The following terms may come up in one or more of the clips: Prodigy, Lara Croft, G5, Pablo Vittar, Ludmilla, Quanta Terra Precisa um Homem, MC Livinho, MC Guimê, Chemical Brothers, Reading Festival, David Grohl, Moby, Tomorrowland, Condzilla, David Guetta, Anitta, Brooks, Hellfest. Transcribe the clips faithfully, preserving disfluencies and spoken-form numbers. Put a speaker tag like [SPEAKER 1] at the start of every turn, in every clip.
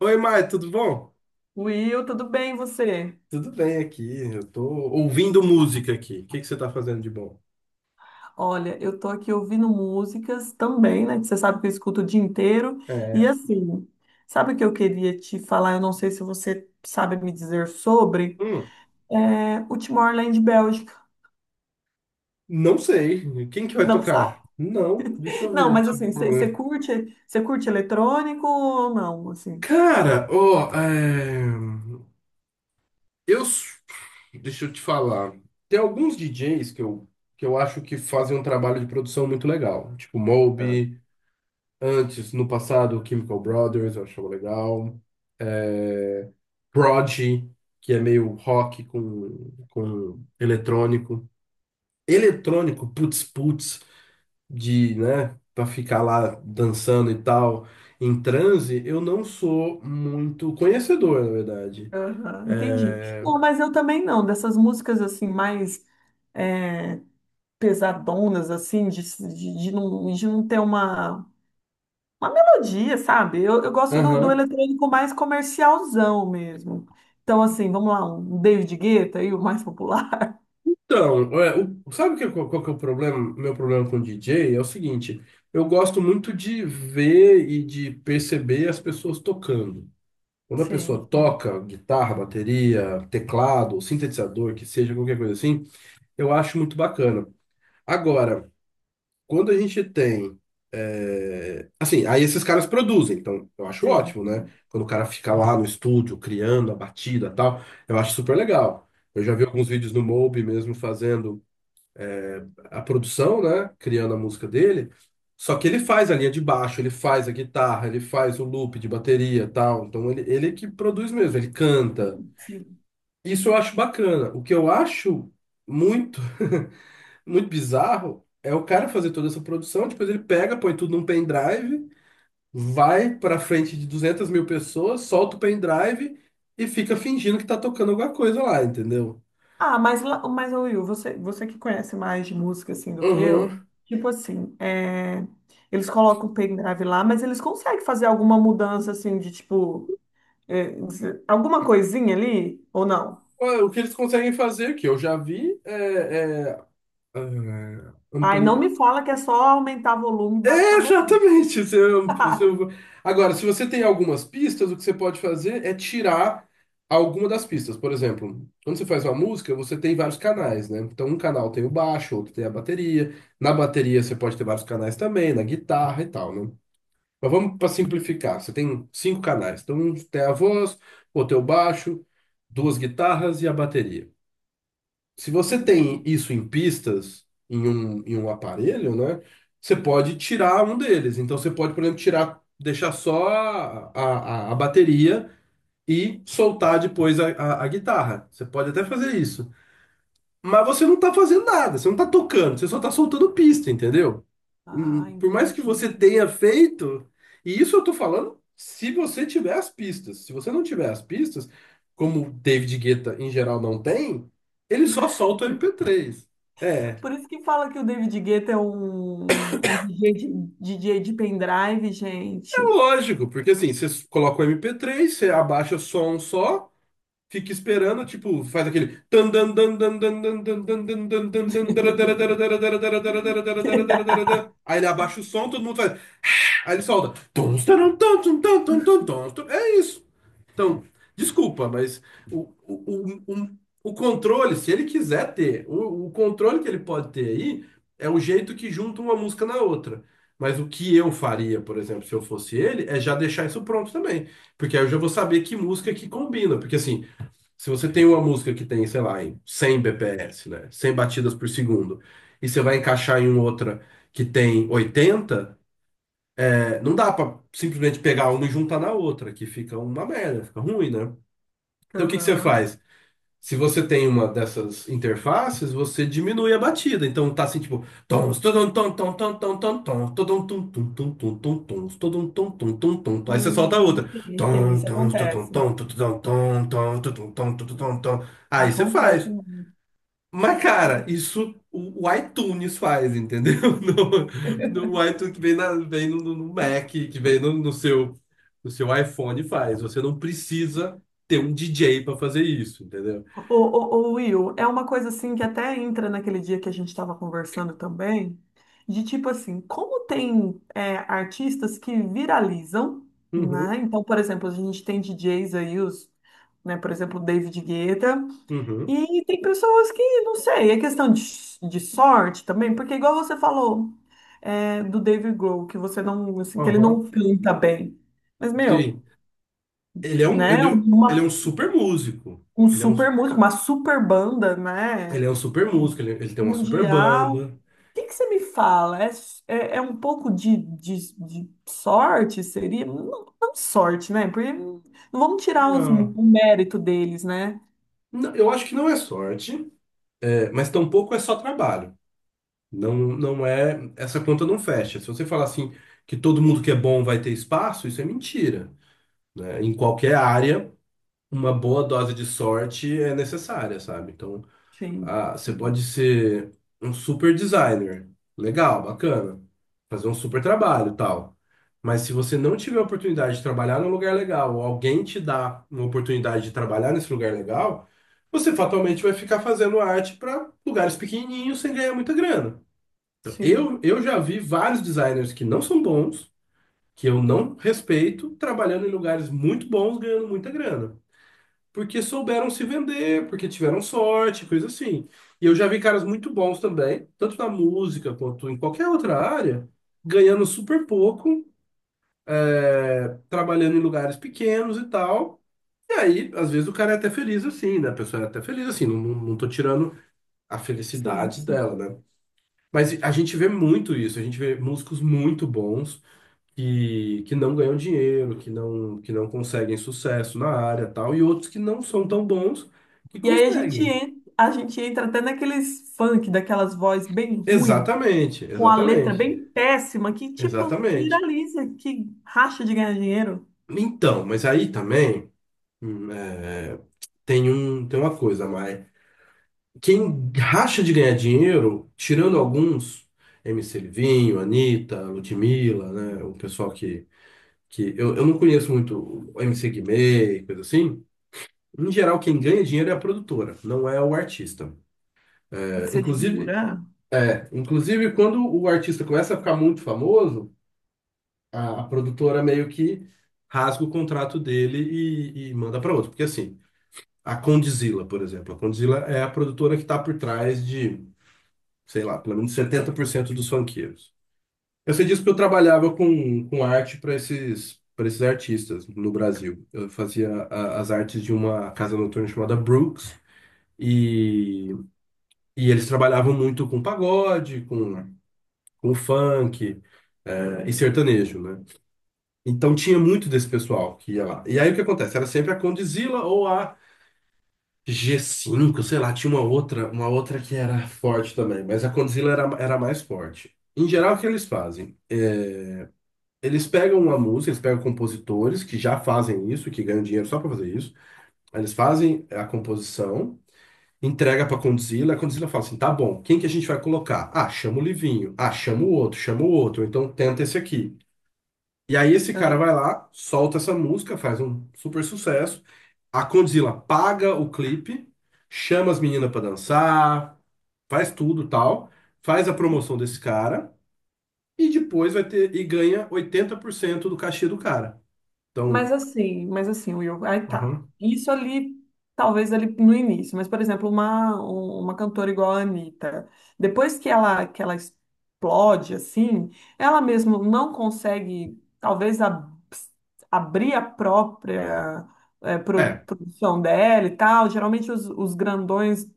[SPEAKER 1] Oi, Mai, tudo bom?
[SPEAKER 2] Will, tudo bem e você?
[SPEAKER 1] Tudo bem aqui. Eu tô ouvindo música aqui. O que que você tá fazendo de bom?
[SPEAKER 2] Olha, eu tô aqui ouvindo músicas também, né? que Você sabe que eu escuto o dia inteiro. E
[SPEAKER 1] É.
[SPEAKER 2] assim, sabe o que eu queria te falar? Eu não sei se você sabe me dizer sobre
[SPEAKER 1] hum,
[SPEAKER 2] é, o Timor-Leste Bélgica.
[SPEAKER 1] não sei. Quem que vai
[SPEAKER 2] Não sabe?
[SPEAKER 1] tocar? Não, deixa eu
[SPEAKER 2] Não,
[SPEAKER 1] ver.
[SPEAKER 2] mas
[SPEAKER 1] Tipo,
[SPEAKER 2] assim, você você
[SPEAKER 1] né?
[SPEAKER 2] curte, você curte eletrônico ou não, assim?
[SPEAKER 1] Cara, ó, é, eu, s- deixa eu te falar. Tem alguns D Js que eu, que eu acho que fazem um trabalho de produção muito legal, tipo
[SPEAKER 2] Ah.
[SPEAKER 1] Moby. Antes, no passado, Chemical Brothers, eu achava legal. É, Prodigy, que é meio rock com, com eletrônico. Eletrônico, putz, putz, de, né, pra ficar lá dançando e tal, em transe, eu não sou muito conhecedor, na verdade.
[SPEAKER 2] Aham, entendi.
[SPEAKER 1] É.
[SPEAKER 2] Não, mas eu também não, dessas músicas assim, mais é, pesadonas, assim, de, de, de não, de não ter uma. Uma melodia, sabe? Eu, eu gosto do, do
[SPEAKER 1] Aham.
[SPEAKER 2] eletrônico mais comercialzão mesmo. Então, assim, vamos lá, um David Guetta aí, o mais popular.
[SPEAKER 1] Então, é, o- sabe que, qual, qual que é o problema, meu problema com D J? É o seguinte, eu gosto muito de ver e de perceber as pessoas tocando. Quando a pessoa
[SPEAKER 2] Sim, sim,
[SPEAKER 1] toca guitarra, bateria, teclado, sintetizador, que seja, qualquer coisa assim, eu acho muito bacana. Agora, quando a gente tem. É, assim, aí esses caras produzem, então eu acho
[SPEAKER 2] sim,
[SPEAKER 1] ótimo, né? Quando o cara fica lá no estúdio criando a batida e tal, eu acho super legal. Eu já vi alguns vídeos no Mob mesmo fazendo a produção, né? Criando a música dele. Só que ele faz a linha de baixo, ele faz a guitarra, ele faz o loop de bateria, e tal. Então ele, ele que produz mesmo, ele canta.
[SPEAKER 2] sim, sim.
[SPEAKER 1] Isso eu acho bacana. O que eu acho muito, muito bizarro é o cara fazer toda essa produção, depois ele pega, põe tudo num pendrive, vai pra frente de duzentas mil pessoas, solta o pendrive e fica fingindo que tá tocando alguma coisa lá, entendeu?
[SPEAKER 2] Ah, mas, lá- mas ô, Will, você, você que conhece mais de música assim do que eu,
[SPEAKER 1] Uhum.
[SPEAKER 2] tipo assim, é, eles colocam o pendrive lá, mas eles conseguem fazer alguma mudança assim de tipo, é, alguma coisinha ali ou não?
[SPEAKER 1] Ué, o que eles conseguem fazer, que eu já vi, é, é Ah,
[SPEAKER 2] Ai, não
[SPEAKER 1] ampli...
[SPEAKER 2] me fala que é só aumentar volume e
[SPEAKER 1] É,
[SPEAKER 2] baixar volume.
[SPEAKER 1] exatamente. Você, am- você... Agora, se você tem algumas pistas, o que você pode fazer é tirar alguma das pistas. Por exemplo, quando você faz uma música, você tem vários canais, né? Então, um canal tem o baixo, outro tem a bateria. Na bateria, você pode ter vários canais também, na guitarra e tal, né? Mas vamos para simplificar. Você tem cinco canais. Então, um tem a voz, outro tem o baixo, duas guitarras e a bateria. Se você
[SPEAKER 2] Sim.
[SPEAKER 1] tem isso em pistas, em um, em um aparelho, né? Você pode tirar um deles. Então você pode, por exemplo, tirar, deixar só a, a, a- bateria e soltar depois a, a, a guitarra. Você pode até fazer isso.
[SPEAKER 2] Ah, entendi. Por isso que fala que o David Guetta é um, um D J, de, D J de pendrive, gente.
[SPEAKER 1] Aí ele solta. "Tons, taram, tons, tum, tum, tum, tum, tons, tum." É isso. Então, desculpa, mas o, o, o, o, o controle, se ele quiser ter, o, o controle que ele pode ter aí é o jeito que junta uma música na outra. Mas o que eu faria, por exemplo, se eu fosse ele, é já deixar isso pronto também. Porque aí eu já vou saber que música que combina. Porque assim, se você tem uma música que tem, sei lá, em cem B P S, né? Cem batidas por segundo, e você vai encaixar em outra que tem oitenta é, Não dá pra simplesmente pegar uma e juntar na outra, que fica uma merda, fica ruim, né? Então o que que você
[SPEAKER 2] Aham.
[SPEAKER 1] faz? Se você tem uma dessas interfaces, você diminui a batida. Então tá assim, tipo, tom, todum, tom, tom, tom, tom, tom, tom, todum, tum, tum, tum, tum, tum, tum, todum, tum, tum, tum, tum, tum. Aí você solta a
[SPEAKER 2] Hum,
[SPEAKER 1] outra.
[SPEAKER 2] sim, sim,
[SPEAKER 1] Tom,
[SPEAKER 2] isso
[SPEAKER 1] tom, todum,
[SPEAKER 2] acontece.
[SPEAKER 1] tom, todum, tom, tom, tom, todum, tom, todum, tom, todum, tom. Aí você
[SPEAKER 2] Acontece
[SPEAKER 1] faz.
[SPEAKER 2] mesmo.
[SPEAKER 1] Mas, cara, isso o, o iTunes faz, entendeu? No, no iTunes que vem, na- vem no, no- no Mac, que vem no, no seu, no seu iPhone faz. Você não precisa ter um D J para fazer isso, entendeu?
[SPEAKER 2] Ô, ô, ô, Will, é uma coisa assim que até entra naquele dia que a gente estava conversando também, de tipo assim, como tem é, artistas que viralizam,
[SPEAKER 1] Uhum,
[SPEAKER 2] né? Então, por exemplo, a gente tem D Js aí, os, né, por exemplo, o David Guetta.
[SPEAKER 1] uhum,
[SPEAKER 2] E tem pessoas que, não sei, é questão de, de sorte também, porque igual você falou é, do David Grohl, que você não, assim, que ele
[SPEAKER 1] aham.
[SPEAKER 2] não canta bem. Mas, meu,
[SPEAKER 1] Sim. Ele é um,
[SPEAKER 2] né,
[SPEAKER 1] ele é, um- ele é
[SPEAKER 2] uma,
[SPEAKER 1] um super músico.
[SPEAKER 2] um
[SPEAKER 1] Ele é um,
[SPEAKER 2] super músico, uma super banda, né,
[SPEAKER 1] ele é um super músico, ele, ele tem uma super
[SPEAKER 2] mundial. O
[SPEAKER 1] banda.
[SPEAKER 2] que que você me fala? É, é, é um pouco de, de, de sorte, seria? Não, não sorte, né, porque não vamos tirar os-
[SPEAKER 1] Não,
[SPEAKER 2] o mérito deles, né?
[SPEAKER 1] não, eu acho que não é sorte, é, mas tampouco é só trabalho. Não, não é, essa conta não fecha. Se você falar assim que todo mundo que é bom vai ter espaço, isso é mentira, né? Em qualquer área, uma boa dose de sorte é necessária, sabe? Então,
[SPEAKER 2] Sim,
[SPEAKER 1] ah, você pode
[SPEAKER 2] sim,
[SPEAKER 1] ser um super designer, legal, bacana, fazer um super trabalho, tal. Mas se você não tiver a oportunidade de trabalhar num lugar legal, ou alguém te dá uma oportunidade de trabalhar nesse lugar legal, você fatalmente vai ficar fazendo arte para lugares pequenininhos sem ganhar muita grana.
[SPEAKER 2] sim,
[SPEAKER 1] Eu, eu já vi vários designers que não são bons, que eu não respeito, trabalhando em lugares muito bons, ganhando muita grana. Porque souberam se vender, porque tiveram sorte, coisa assim. E eu já vi caras muito bons também, tanto na música quanto em qualquer outra área, ganhando super pouco, é, trabalhando em lugares pequenos e tal. E aí, às vezes, o cara é até feliz assim, né? A pessoa é até feliz assim, não, não não tô tirando a
[SPEAKER 2] sim,
[SPEAKER 1] felicidade
[SPEAKER 2] sim.
[SPEAKER 1] dela, né? Mas a gente vê muito isso, a gente vê músicos muito bons que, que não ganham dinheiro, que não, que não conseguem sucesso na área tal, e outros que não são tão bons que
[SPEAKER 2] E aí a gente
[SPEAKER 1] conseguem.
[SPEAKER 2] entra, a gente entra até naqueles funk, daquelas vozes bem ruim,
[SPEAKER 1] Exatamente,
[SPEAKER 2] com a letra
[SPEAKER 1] exatamente,
[SPEAKER 2] bem péssima, que tipo
[SPEAKER 1] exatamente.
[SPEAKER 2] viraliza, que racha de ganhar dinheiro.
[SPEAKER 1] Então, mas aí também hum, é, tem um, tem uma coisa, mas quem racha de ganhar dinheiro, tirando alguns, M C Livinho, Anitta, Ludmilla, né, o pessoal que que eu, eu não conheço muito o M C Guimê e coisa assim. Em geral, quem ganha dinheiro é a produtora, não é o artista. É,
[SPEAKER 2] Você
[SPEAKER 1] inclusive,
[SPEAKER 2] jura?
[SPEAKER 1] é, inclusive, quando o artista começa a ficar muito famoso, a, a produtora meio que rasga o contrato dele e, e manda para outro. Porque assim, a Condzilla, por exemplo, a Condzilla é a produtora que está por trás de, sei lá, pelo menos setenta por cento dos funkeiros. Eu sei disso porque eu trabalhava com, com arte para esses, para esses artistas no Brasil. Eu fazia a- as artes de uma casa noturna chamada Brooks, e, e eles trabalhavam muito com pagode, com, com funk, eh, e sertanejo, né? Então tinha muito desse pessoal que ia lá. E aí o que acontece? Era sempre a Condzilla ou a G cinco, sei lá, tinha uma outra, uma outra que era forte também, mas a Condzilla era, era a mais forte. Em geral, o que eles fazem? Eles pegam uma música, eles pegam compositores que já fazem isso, que ganham dinheiro só pra fazer isso. Aí eles fazem a composição, entrega pra Condzilla, a Condzilla fala assim: tá bom, quem que a gente vai colocar? Ah, chama o Livinho. Ah, chama o outro, chama o outro. Então tenta esse aqui. E aí esse cara
[SPEAKER 2] É.
[SPEAKER 1] vai lá, solta essa música, faz um super sucesso. A Condzilla paga o clipe, chama as meninas pra dançar, faz tudo tal, faz a promoção desse cara e depois vai ter e ganha oitenta por cento do cachê do cara. Então,
[SPEAKER 2] Mas assim, mas assim, Will, aí tá.
[SPEAKER 1] aham.
[SPEAKER 2] Isso ali, talvez ali no início, mas, por exemplo, uma, um- uma cantora igual a Anitta, depois que ela, que ela explode, assim, ela mesmo não consegue, talvez, ab- abrir a própria eh, pro-
[SPEAKER 1] É,
[SPEAKER 2] produção dela e tal. Geralmente os, os grandões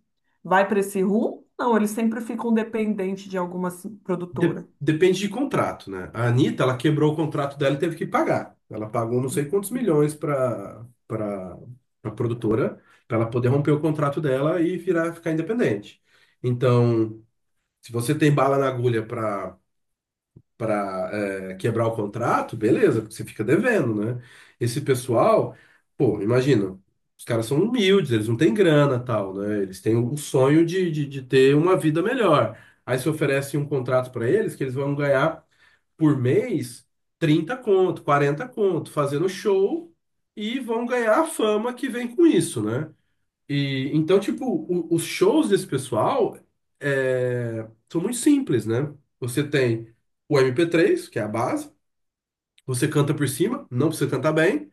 [SPEAKER 2] vai para esse rumo, não, eles sempre ficam dependentes de alguma assim,
[SPEAKER 1] de-
[SPEAKER 2] produtora.
[SPEAKER 1] depende de contrato, né? A Anitta, ela quebrou o contrato dela e teve que pagar. Ela pagou não sei quantos milhões para para a produtora, para ela poder romper o contrato dela e virar ficar independente. Então, se você tem bala na agulha para para é, quebrar o contrato, beleza, porque você fica devendo, né? Esse pessoal, pô, imagina, os caras são humildes, eles não têm grana, tal, né? Eles têm o sonho de, de, de ter uma vida melhor. Aí você oferece um contrato para eles que eles vão ganhar por mês trinta conto, quarenta conto, fazendo show e vão ganhar a fama que vem com isso, né? E então, tipo, o- os shows desse pessoal é, são muito simples, né? Você tem o M P três, que é a base, você canta por cima, não precisa cantar bem.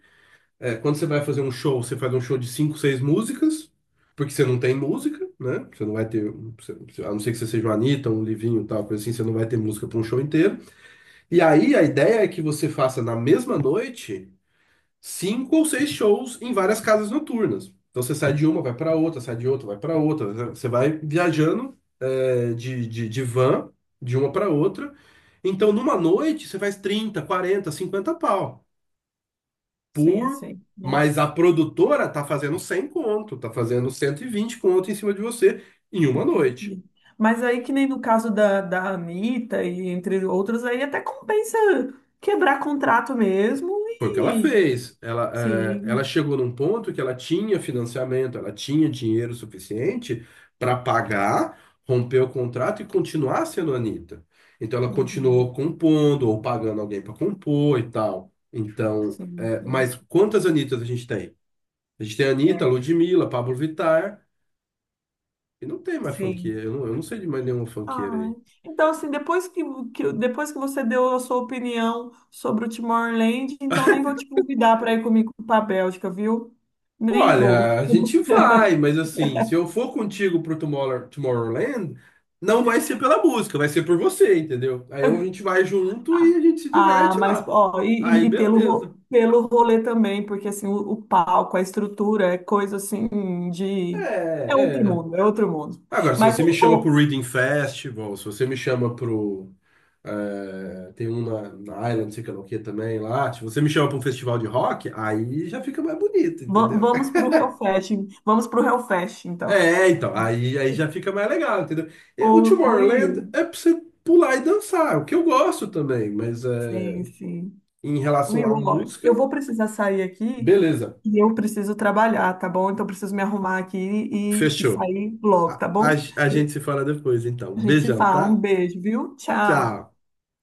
[SPEAKER 1] É, quando você vai fazer um show, você faz um show de cinco, seis músicas, porque você não tem música, né? Você não vai ter, você- você- a não ser que você seja um Anitta, um Livinho, tal, coisa assim, você não vai ter música para um show inteiro. E aí a ideia é que você faça na mesma noite cinco ou seis shows em várias casas noturnas. Então você sai de uma, vai para outra, sai de outra, vai para outra, né? Você vai viajando é, de, de, de van de uma para outra. Então numa noite você faz trinta, quarenta, cinquenta pau
[SPEAKER 2] Sim,
[SPEAKER 1] por.
[SPEAKER 2] sim.
[SPEAKER 1] Mas a
[SPEAKER 2] Nossa.
[SPEAKER 1] produtora tá fazendo cem conto, tá fazendo cento e vinte conto em cima de você em uma noite.
[SPEAKER 2] Entendi. Mas aí, que nem no caso da, da Anitta e entre outros, aí até compensa quebrar contrato mesmo
[SPEAKER 1] Foi o que ela
[SPEAKER 2] e
[SPEAKER 1] fez. Ela, eh, ela
[SPEAKER 2] sim,
[SPEAKER 1] chegou num ponto que ela tinha financiamento, ela tinha dinheiro suficiente para pagar, romper o contrato e continuar sendo a Anitta. Então ela
[SPEAKER 2] uhum,
[SPEAKER 1] continuou compondo ou pagando alguém para compor e tal. Então,
[SPEAKER 2] sim,
[SPEAKER 1] eh, mas
[SPEAKER 2] sim.
[SPEAKER 1] quantas Anitas a gente tem? A gente tem a Anitta, a
[SPEAKER 2] É.
[SPEAKER 1] Ludmilla, Pablo Vittar, e não tem mais
[SPEAKER 2] Sim.
[SPEAKER 1] funkeira. Eu não, eu não sei de mais nenhuma funkeira
[SPEAKER 2] Ai.
[SPEAKER 1] aí.
[SPEAKER 2] Então, assim, depois que, que, depois que você deu a sua opinião sobre o Timor-Leste, então nem vou te convidar para ir comigo para a Bélgica, viu? Nem vou.
[SPEAKER 1] Olha, a gente vai, mas assim, se eu for contigo pro Tomorrow- Tomorrowland, não vai ser pela música, vai ser por você, entendeu? Aí a gente vai junto e a gente se
[SPEAKER 2] Ah,
[SPEAKER 1] diverte
[SPEAKER 2] mas
[SPEAKER 1] lá.
[SPEAKER 2] ó, e,
[SPEAKER 1] Aí
[SPEAKER 2] e- e pelo,
[SPEAKER 1] beleza.
[SPEAKER 2] ro- pelo rolê também, porque assim, o, o palco, a estrutura, é coisa assim de. É outro
[SPEAKER 1] É, é.
[SPEAKER 2] mundo, é outro mundo.
[SPEAKER 1] Agora, se
[SPEAKER 2] Mas
[SPEAKER 1] você me
[SPEAKER 2] ô,
[SPEAKER 1] chama pro
[SPEAKER 2] ô,
[SPEAKER 1] Reading Festival, se você me chama pro. É, tem um na, na Island, não sei que lá o que também lá. Se você me chama pra um festival de rock, aí já fica mais bonito,
[SPEAKER 2] va-
[SPEAKER 1] entendeu?
[SPEAKER 2] vamos pro Hellfest, vamos pro Hellfest, então.
[SPEAKER 1] É, então, aí, aí já fica mais legal, entendeu? E
[SPEAKER 2] Ô,
[SPEAKER 1] o
[SPEAKER 2] ô, Will,
[SPEAKER 1] Tomorrowland é pra você pular e dançar, é o que eu gosto também, mas é,
[SPEAKER 2] sim, sim.
[SPEAKER 1] em relação à
[SPEAKER 2] Will, ó, eu
[SPEAKER 1] música,
[SPEAKER 2] vou precisar sair aqui
[SPEAKER 1] beleza,
[SPEAKER 2] e eu preciso trabalhar, tá bom? Então eu preciso me arrumar aqui e, e
[SPEAKER 1] fechou.
[SPEAKER 2] sair logo,
[SPEAKER 1] a,
[SPEAKER 2] tá
[SPEAKER 1] a
[SPEAKER 2] bom?
[SPEAKER 1] a gente se fala depois, então.
[SPEAKER 2] A
[SPEAKER 1] Um
[SPEAKER 2] gente se
[SPEAKER 1] beijão,
[SPEAKER 2] fala, um
[SPEAKER 1] tá?
[SPEAKER 2] beijo, viu? Tchau.
[SPEAKER 1] Tchau.